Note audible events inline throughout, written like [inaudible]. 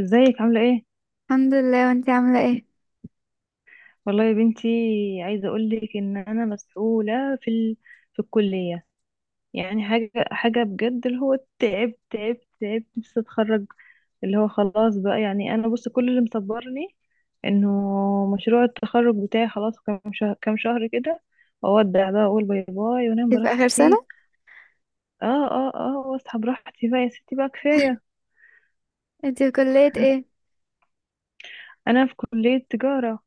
ازيك عاملة ايه؟ الحمد لله، وانتي عاملة ايه؟ والله يا بنتي، عايزة اقولك ان انا مسؤولة في في الكلية. يعني حاجة بجد، اللي هو تعبت تعبت تعبت، نفسي اتخرج. اللي هو خلاص بقى، يعني انا بص، كل اللي مصبرني انه مشروع التخرج بتاعي. خلاص، كام شهر كام شهر كده اودع بقى، اقول باي باي وانام انتي في آخر براحتي. سنة؟ اه، اه، اه، واصحى براحتي بقى يا ستي، بقى كفاية. انتي في كلية ايه؟ انا في كلية تجارة.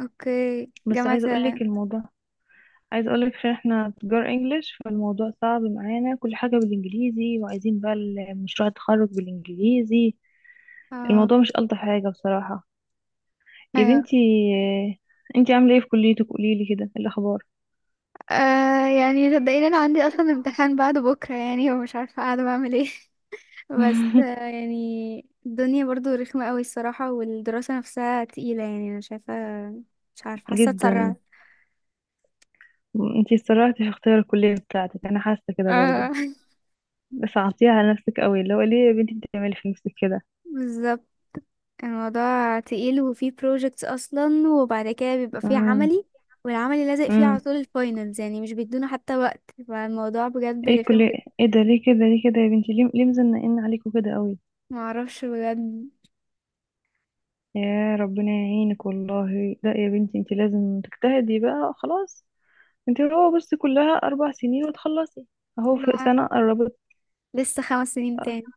اوكي، بس جامعة. عايزة اقولك الموضوع، عايز اقولك، عشان احنا تجار انجليش فالموضوع صعب معانا، كل حاجة بالانجليزي، وعايزين بقى مشروع التخرج بالانجليزي. اه. الموضوع مش ألطف حاجة بصراحة يا ايوه. بنتي. انتي عاملة ايه في كليتك؟ قوليلي كده، إيه الاخبار. يعني صدقيني انا عندي اصلا امتحان بعد بكرة، يعني ومش عارفة قاعدة بعمل ايه. [laughs] بس [laughs] يعني الدنيا برضو رخمة قوي الصراحة، والدراسة نفسها تقيلة، يعني انا شايفة مش عارفة، حاسة جدا. اتسرعت. انتي اتسرعتي في اختيار الكلية بتاعتك، انا حاسة كده برضو. اه. بس عطيها على نفسك قوي، اللي هو ليه يا بنتي بتعملي في نفسك كده؟ [laughs] بالظبط. الموضوع تقيل، وفيه projects اصلا، وبعد كده بيبقى فيه امم. عملي. والعملي لازق فيه على امم. طول الفاينلز، يعني مش بيدونا حتى وقت، فالموضوع بجد ايه رخم الكلية؟ جدا. ايه ده، ليه كده ليه كده يا بنتي؟ ليه ليه مزنقين عليكوا كده قوي؟ معرفش بجد. يا ربنا يعينك. والله لا يا بنتي، انت لازم تجتهدي بقى خلاص. انت هو بس كلها 4 سنين وتخلصي. اهو في لا، سنة قربت. لسه خمس سنين تاني.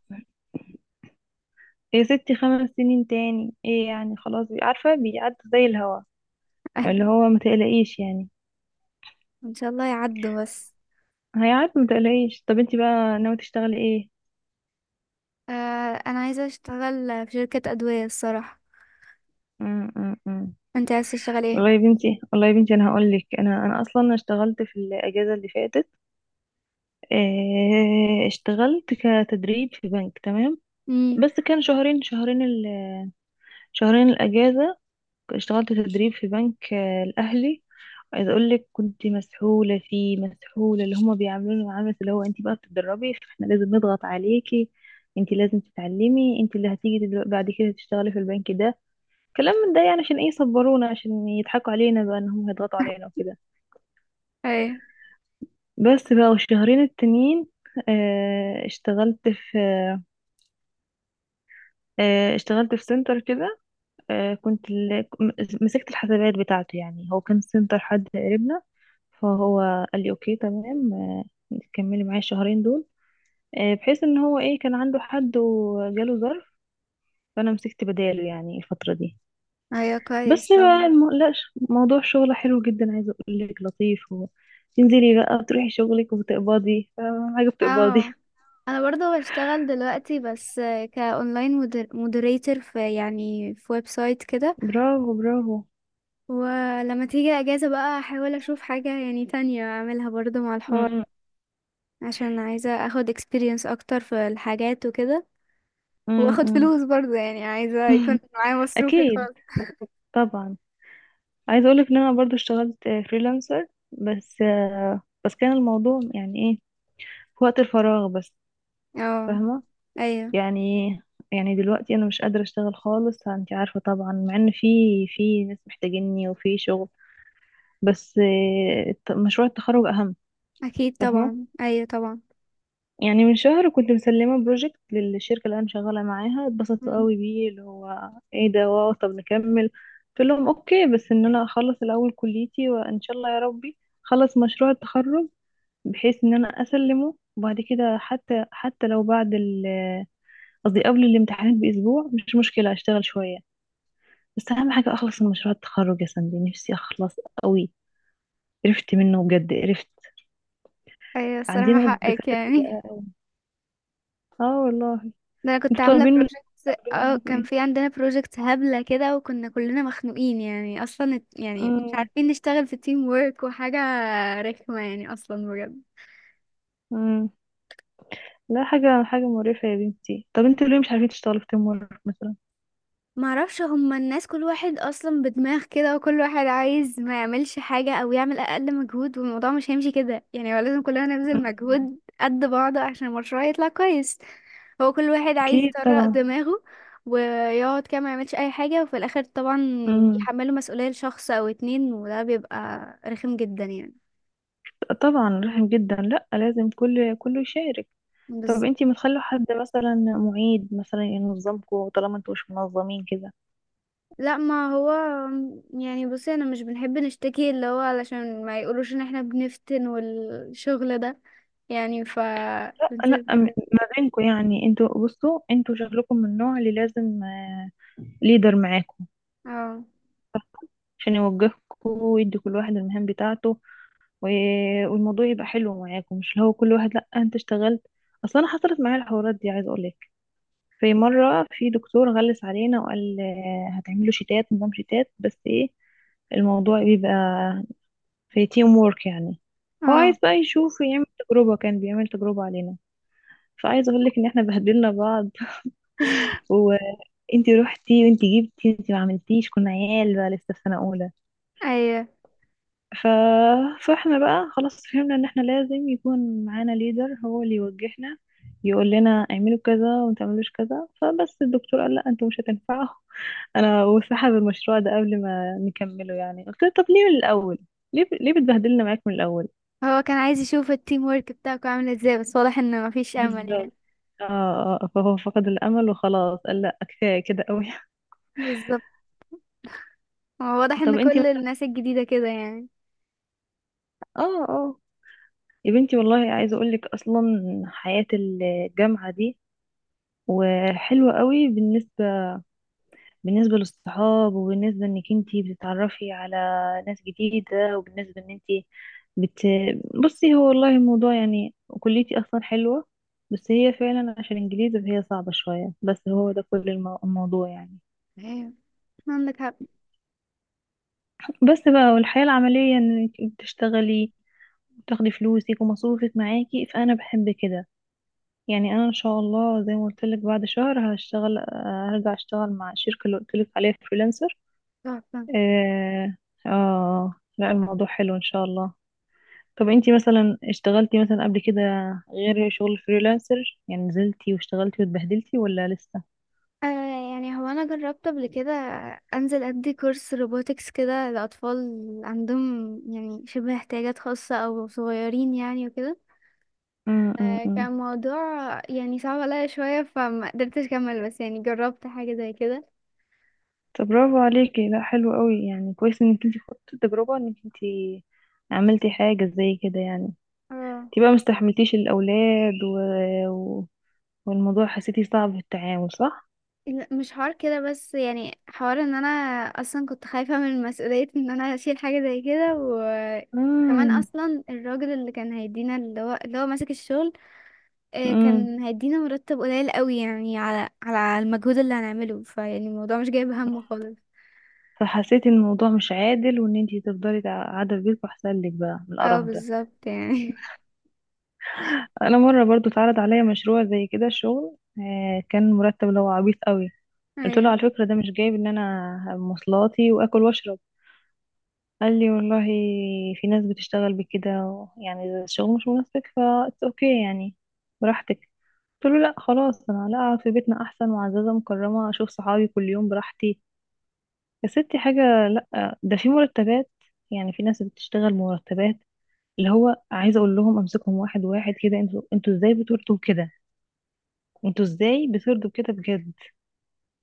يا ستي 5 سنين تاني ايه يعني؟ خلاص، عارفة بيعدي زي الهوا. اللي [laughs] هو ما تقلقيش يعني. ان شاء الله يعدوا بس. هيعدي ما تقلقيش. طب انت بقى ناوي تشتغلي ايه؟ آه انا عايزه اشتغل في شركه ادويه الصراحه. م -م -م. انت عايز تشتغل ايه؟ والله يا بنتي، والله يا بنتي، انا هقول لك، انا انا اصلا اشتغلت في الاجازة اللي فاتت. اه، اشتغلت كتدريب في بنك، تمام. امم. بس كان شهرين، شهرين الأجازة. اشتغلت تدريب في بنك، الأهلي. عايزة أقول لك كنت مسحولة فيه، مسحولة. اللي هما بيعاملوني معاملة اللي هو أنت بقى بتتدربي فاحنا لازم نضغط عليكي. أنت لازم تتعلمي، أنت اللي هتيجي بعد كده تشتغلي في البنك ده. كلام من ده، يعني عشان إيه يصبرونا؟ عشان يضحكوا علينا بقى إن هم هيضغطوا علينا وكده. ايوه. بس بقى. والشهرين التانيين، آه، اشتغلت في اشتغلت في سنتر كده. آه، كنت ال- م- مسكت الحسابات بتاعته. يعني هو كان سنتر حد قريبنا. فهو قال لي اوكي تمام، كملي معايا الشهرين دول، بحيث ان هو ايه كان عنده حد وجاله ظرف. فانا مسكت بداله يعني الفترة دي. ايوه كويس بس بقى طبعا. لا، موضوع شغله حلو جدا، عايزة اقول لك لطيف و تنزلي بقى، بتروحي شغلك وبتقبضي. فاهمة؟ حاجة بتقبضي. اه، انا برضه بشتغل دلوقتي، بس كاونلاين، مودريتور في يعني في ويب سايت كده. [laughs] برافو برافو. ولما تيجي اجازة بقى احاول اشوف حاجة يعني تانية اعملها برضو مع الحوار، م- عشان عايزة اخد experience اكتر في الحاجات وكده، م- واخد م- فلوس برضو، يعني عايزة م. يكون [laughs] معايا مصروفي أكيد، الخاص. طبعا. عايزه اقولك ان انا برضو اشتغلت فريلانسر. بس بس كان الموضوع يعني ايه، في وقت الفراغ بس. اه. فاهمه؟ ايوه يعني يعني دلوقتي انا مش قادره اشتغل خالص، انت عارفه طبعا. مع ان في ناس محتاجيني وفي شغل. بس مشروع التخرج اهم. اكيد فاهمه؟ طبعا، ايوه طبعا. يعني من شهر كنت مسلمه بروجكت للشركه اللي انا شغاله معاها. اتبسطت قوي مم. بيه، اللي هو ايه ده، واو طب نكمل. قلت لهم اوكي، بس ان انا اخلص الاول كليتي، وان شاء الله يا ربي خلص مشروع التخرج، بحيث ان انا اسلمه. وبعد كده حتى لو بعد قصدي قبل الامتحانات باسبوع، مش مشكله اشتغل شويه. بس اهم حاجه اخلص من مشروع التخرج يا سندي، نفسي اخلص قوي. قرفت منه بجد، قرفت. ايوه الصراحة عندنا حقك، الدكاتره يعني بدقه قوي، اه والله. [laughs] ده انا كنت انتوا عاملة طالبين من، projects. طالبين اه، منكم كان ايه؟ في عندنا projects هبلة كده، وكنا كلنا مخنوقين، يعني اصلا يعني مش امم. عارفين نشتغل في team work وحاجة رخمة يعني اصلا بجد. امم. لا، حاجه حاجه مقرفه يا بنتي. طب انتوا ليه مش عارفين تشتغلوا في تيم وورك مثلا؟ معرفش، هما الناس كل واحد اصلا بدماغ كده، وكل واحد عايز ما يعملش حاجة او يعمل اقل مجهود، والموضوع مش هيمشي كده. يعني هو لازم كلنا نبذل مم. مجهود قد بعض عشان المشروع يطلع كويس. هو كل واحد عايز اكيد يطرق طبعا. دماغه ويقعد كده ما يعملش اي حاجة، وفي الاخر طبعا امم. بيحملوا مسؤولية لشخص او اتنين، وده بيبقى رخم جدا يعني. طبعا رحم جدا، لا لازم كل كله يشارك. طب بالظبط. انتي متخلوا حد مثلا معيد مثلا ينظمكوا؟ طالما انتوا مش منظمين كده. لا ما هو، يعني بصي انا مش بنحب نشتكي، اللي هو علشان ما يقولوش ان احنا بنفتن والشغل ده، يعني ف لا لا، بنسيبها كده. ما بينكوا، يعني انتوا بصوا، انتوا شكلكم من النوع اللي لازم ليدر معاكوا اه. عشان يوجهكوا ويدي كل واحد المهام بتاعته. والموضوع يبقى حلو معاكوا، مش اللي هو كل واحد لا انت اشتغلت. اصلا انا حصلت معايا الحوارات دي، عايز اقولك. في مره في دكتور غلس علينا وقال هتعملوا شتات، نظام شتات. بس ايه، الموضوع بيبقى في تيم وورك يعني. هو اه. عايز بقى يشوف، يعمل تجربة، كان بيعمل تجربة علينا. فعايز اقول لك ان احنا بهدلنا بعض. [laughs] وانتي روحتي وانتي جبتي وانتي ما عملتيش، كنا عيال بقى لسه في سنة اولى. ايوه، ف فاحنا بقى خلاص فهمنا ان احنا لازم يكون معانا ليدر، هو اللي يوجهنا يقول لنا اعملوا كذا وما تعملوش كذا. فبس الدكتور قال لا، انتوا مش هتنفعوا. [laughs] انا وسحب المشروع ده قبل ما نكمله. يعني قلت له طب ليه من الاول؟ ليه ليه بتبهدلنا معاك من الاول؟ هو كان عايز يشوف التيم ورك بتاعكم عامل ازاي، بس واضح ان مفيش امل يعني. بالظبط. اه. فهو فقد الامل وخلاص قال لا، كفايه كده قوي. [laughs] بالظبط. هو واضح ان طب انتي كل مثلا. الناس الجديدة كده يعني. اه، اه. يا بنتي والله، عايزه اقول لك اصلا حياه الجامعه دي وحلوه قوي، بالنسبه بالنسبه للصحاب، وبالنسبه انك انتي بتتعرفي على ناس جديده، وبالنسبه ان انتي بت بصي. هو والله الموضوع يعني كليتي اصلا حلوه، بس هي فعلا عشان انجليزي فهي صعبه شويه. بس هو ده كل الموضوع يعني. ايوه عندك حق. بس بقى. والحياة العملية انك بتشتغلي وتاخدي فلوسك ومصروفك معاكي، فانا بحب كده. يعني انا ان شاء الله زي ما قلت لك بعد شهر هشتغل، هرجع اشتغل مع الشركة اللي قلت لك عليها فريلانسر. تحفة. اه. لا، الموضوع حلو ان شاء الله. طب انتي مثلا اشتغلتي مثلا قبل كده، غير شغل فريلانسر؟ يعني نزلتي واشتغلتي واتبهدلتي، ولا لسه؟ آه يعني هو انا جربت قبل كده انزل ادي كورس روبوتكس كده لاطفال عندهم يعني شبه احتياجات خاصة او صغيرين يعني وكده. م- م- م. كان موضوع يعني صعب عليا شوية، فما قدرتش اكمل، بس يعني جربت حاجة زي كده. طب برافو عليكي. لا، حلو قوي يعني، كويس انك انت خدتي التجربة، انك انت عملتي حاجة زي كده يعني. اه. انت بقى مستحملتيش الأولاد و و والموضوع حسيتي صعب في التعامل، صح؟ لا، مش حوار كده، بس يعني حوار ان انا اصلا كنت خايفة من مسؤولية ان انا اشيل حاجة زي كده، و كمان امم. اصلا الراجل اللي كان هيدينا اللي هو ماسك الشغل، امم. كان هيدينا مرتب قليل قوي، يعني على المجهود اللي هنعمله، فيعني الموضوع مش جايب همه خالص. فحسيتي ان الموضوع مش عادل، وان انت تفضلي قاعدة في بيتكم احسن لك بقى من اه القرف ده. بالظبط يعني. انا مرة برضو اتعرض عليا مشروع زي كده شغل، كان مرتب اللي هو عبيط قوي. [laughs] قلت له ايوه، على فكرة ده مش جايب ان انا مواصلاتي واكل واشرب. قال لي والله في ناس بتشتغل بكده، يعني إذا الشغل مش مناسبك ف it's اوكي يعني، براحتك. قلت له لا خلاص، انا لا، اقعد في بيتنا احسن، معززه مكرمه اشوف صحابي كل يوم براحتي. يا ستي، حاجه لا، ده في مرتبات. يعني في ناس بتشتغل مرتبات اللي هو، عايزه اقول لهم امسكهم واحد واحد كده. انتوا ازاي بتردوا كده، انتوا ازاي بتردوا كده بجد؟ [laughs]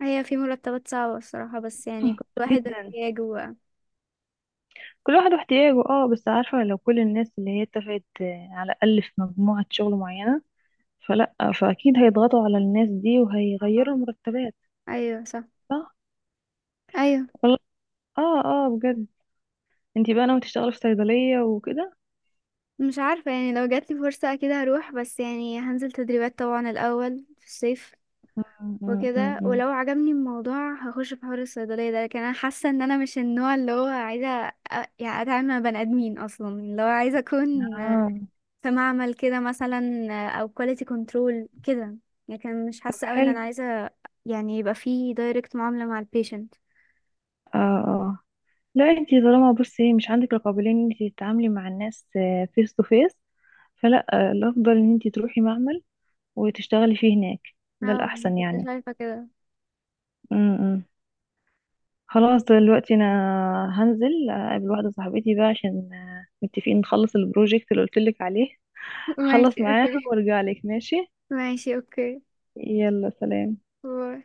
ايوه في مرتبات صعبة الصراحة، بس يعني كل [clears throat] واحد جدا. احتياجه بقى. كل واحد واحتياجه، اه. بس عارفه لو كل الناس اللي هي اتفقت، على الاقل في مجموعه شغل معينه فلا، فاكيد هيضغطوا على الناس دي آه، وهيغيروا المرتبات. ايوه صح. صح، ايوه. والله. اه، اه، بجد. انتي بقى ناوي تشتغلي في صيدلية وكده؟ مش عارفة يعني، لو جاتلي فرصة اكيد هروح، بس يعني هنزل تدريبات طبعا الاول في الصيف مم، مم، مم، وكده، مم. ولو عجبني الموضوع هخش في حوار الصيدلية ده، لكن انا حاسة ان انا مش النوع اللي هو عايزة يعني اتعامل مع بني ادمين، اصلا اللي هو عايزة اكون اه. في معمل كده مثلا، او كواليتي كنترول كده. لكن مش طب حاسه قوي ان حلو. انا عايزه يعني يبقى في دايركت معامله مع البيشنت. اه، اه. لا، انتي طالما بصي مش عندك القابلية ان انتي تتعاملي مع الناس فيس تو فيس، فلا، الافضل ان انتي تروحي معمل وتشتغلي فيه هناك. ده اه الاحسن كنت يعني. شايفه كده. مم، مم. خلاص دلوقتي انا هنزل اقابل واحده صاحبتي بقى، عشان متفقين نخلص البروجكت اللي قلت لك عليه. [laughs] ماشي هخلص معاها اوكي. وارجع لك، ماشي. ماشي اوكي. يلا، سلام. باي.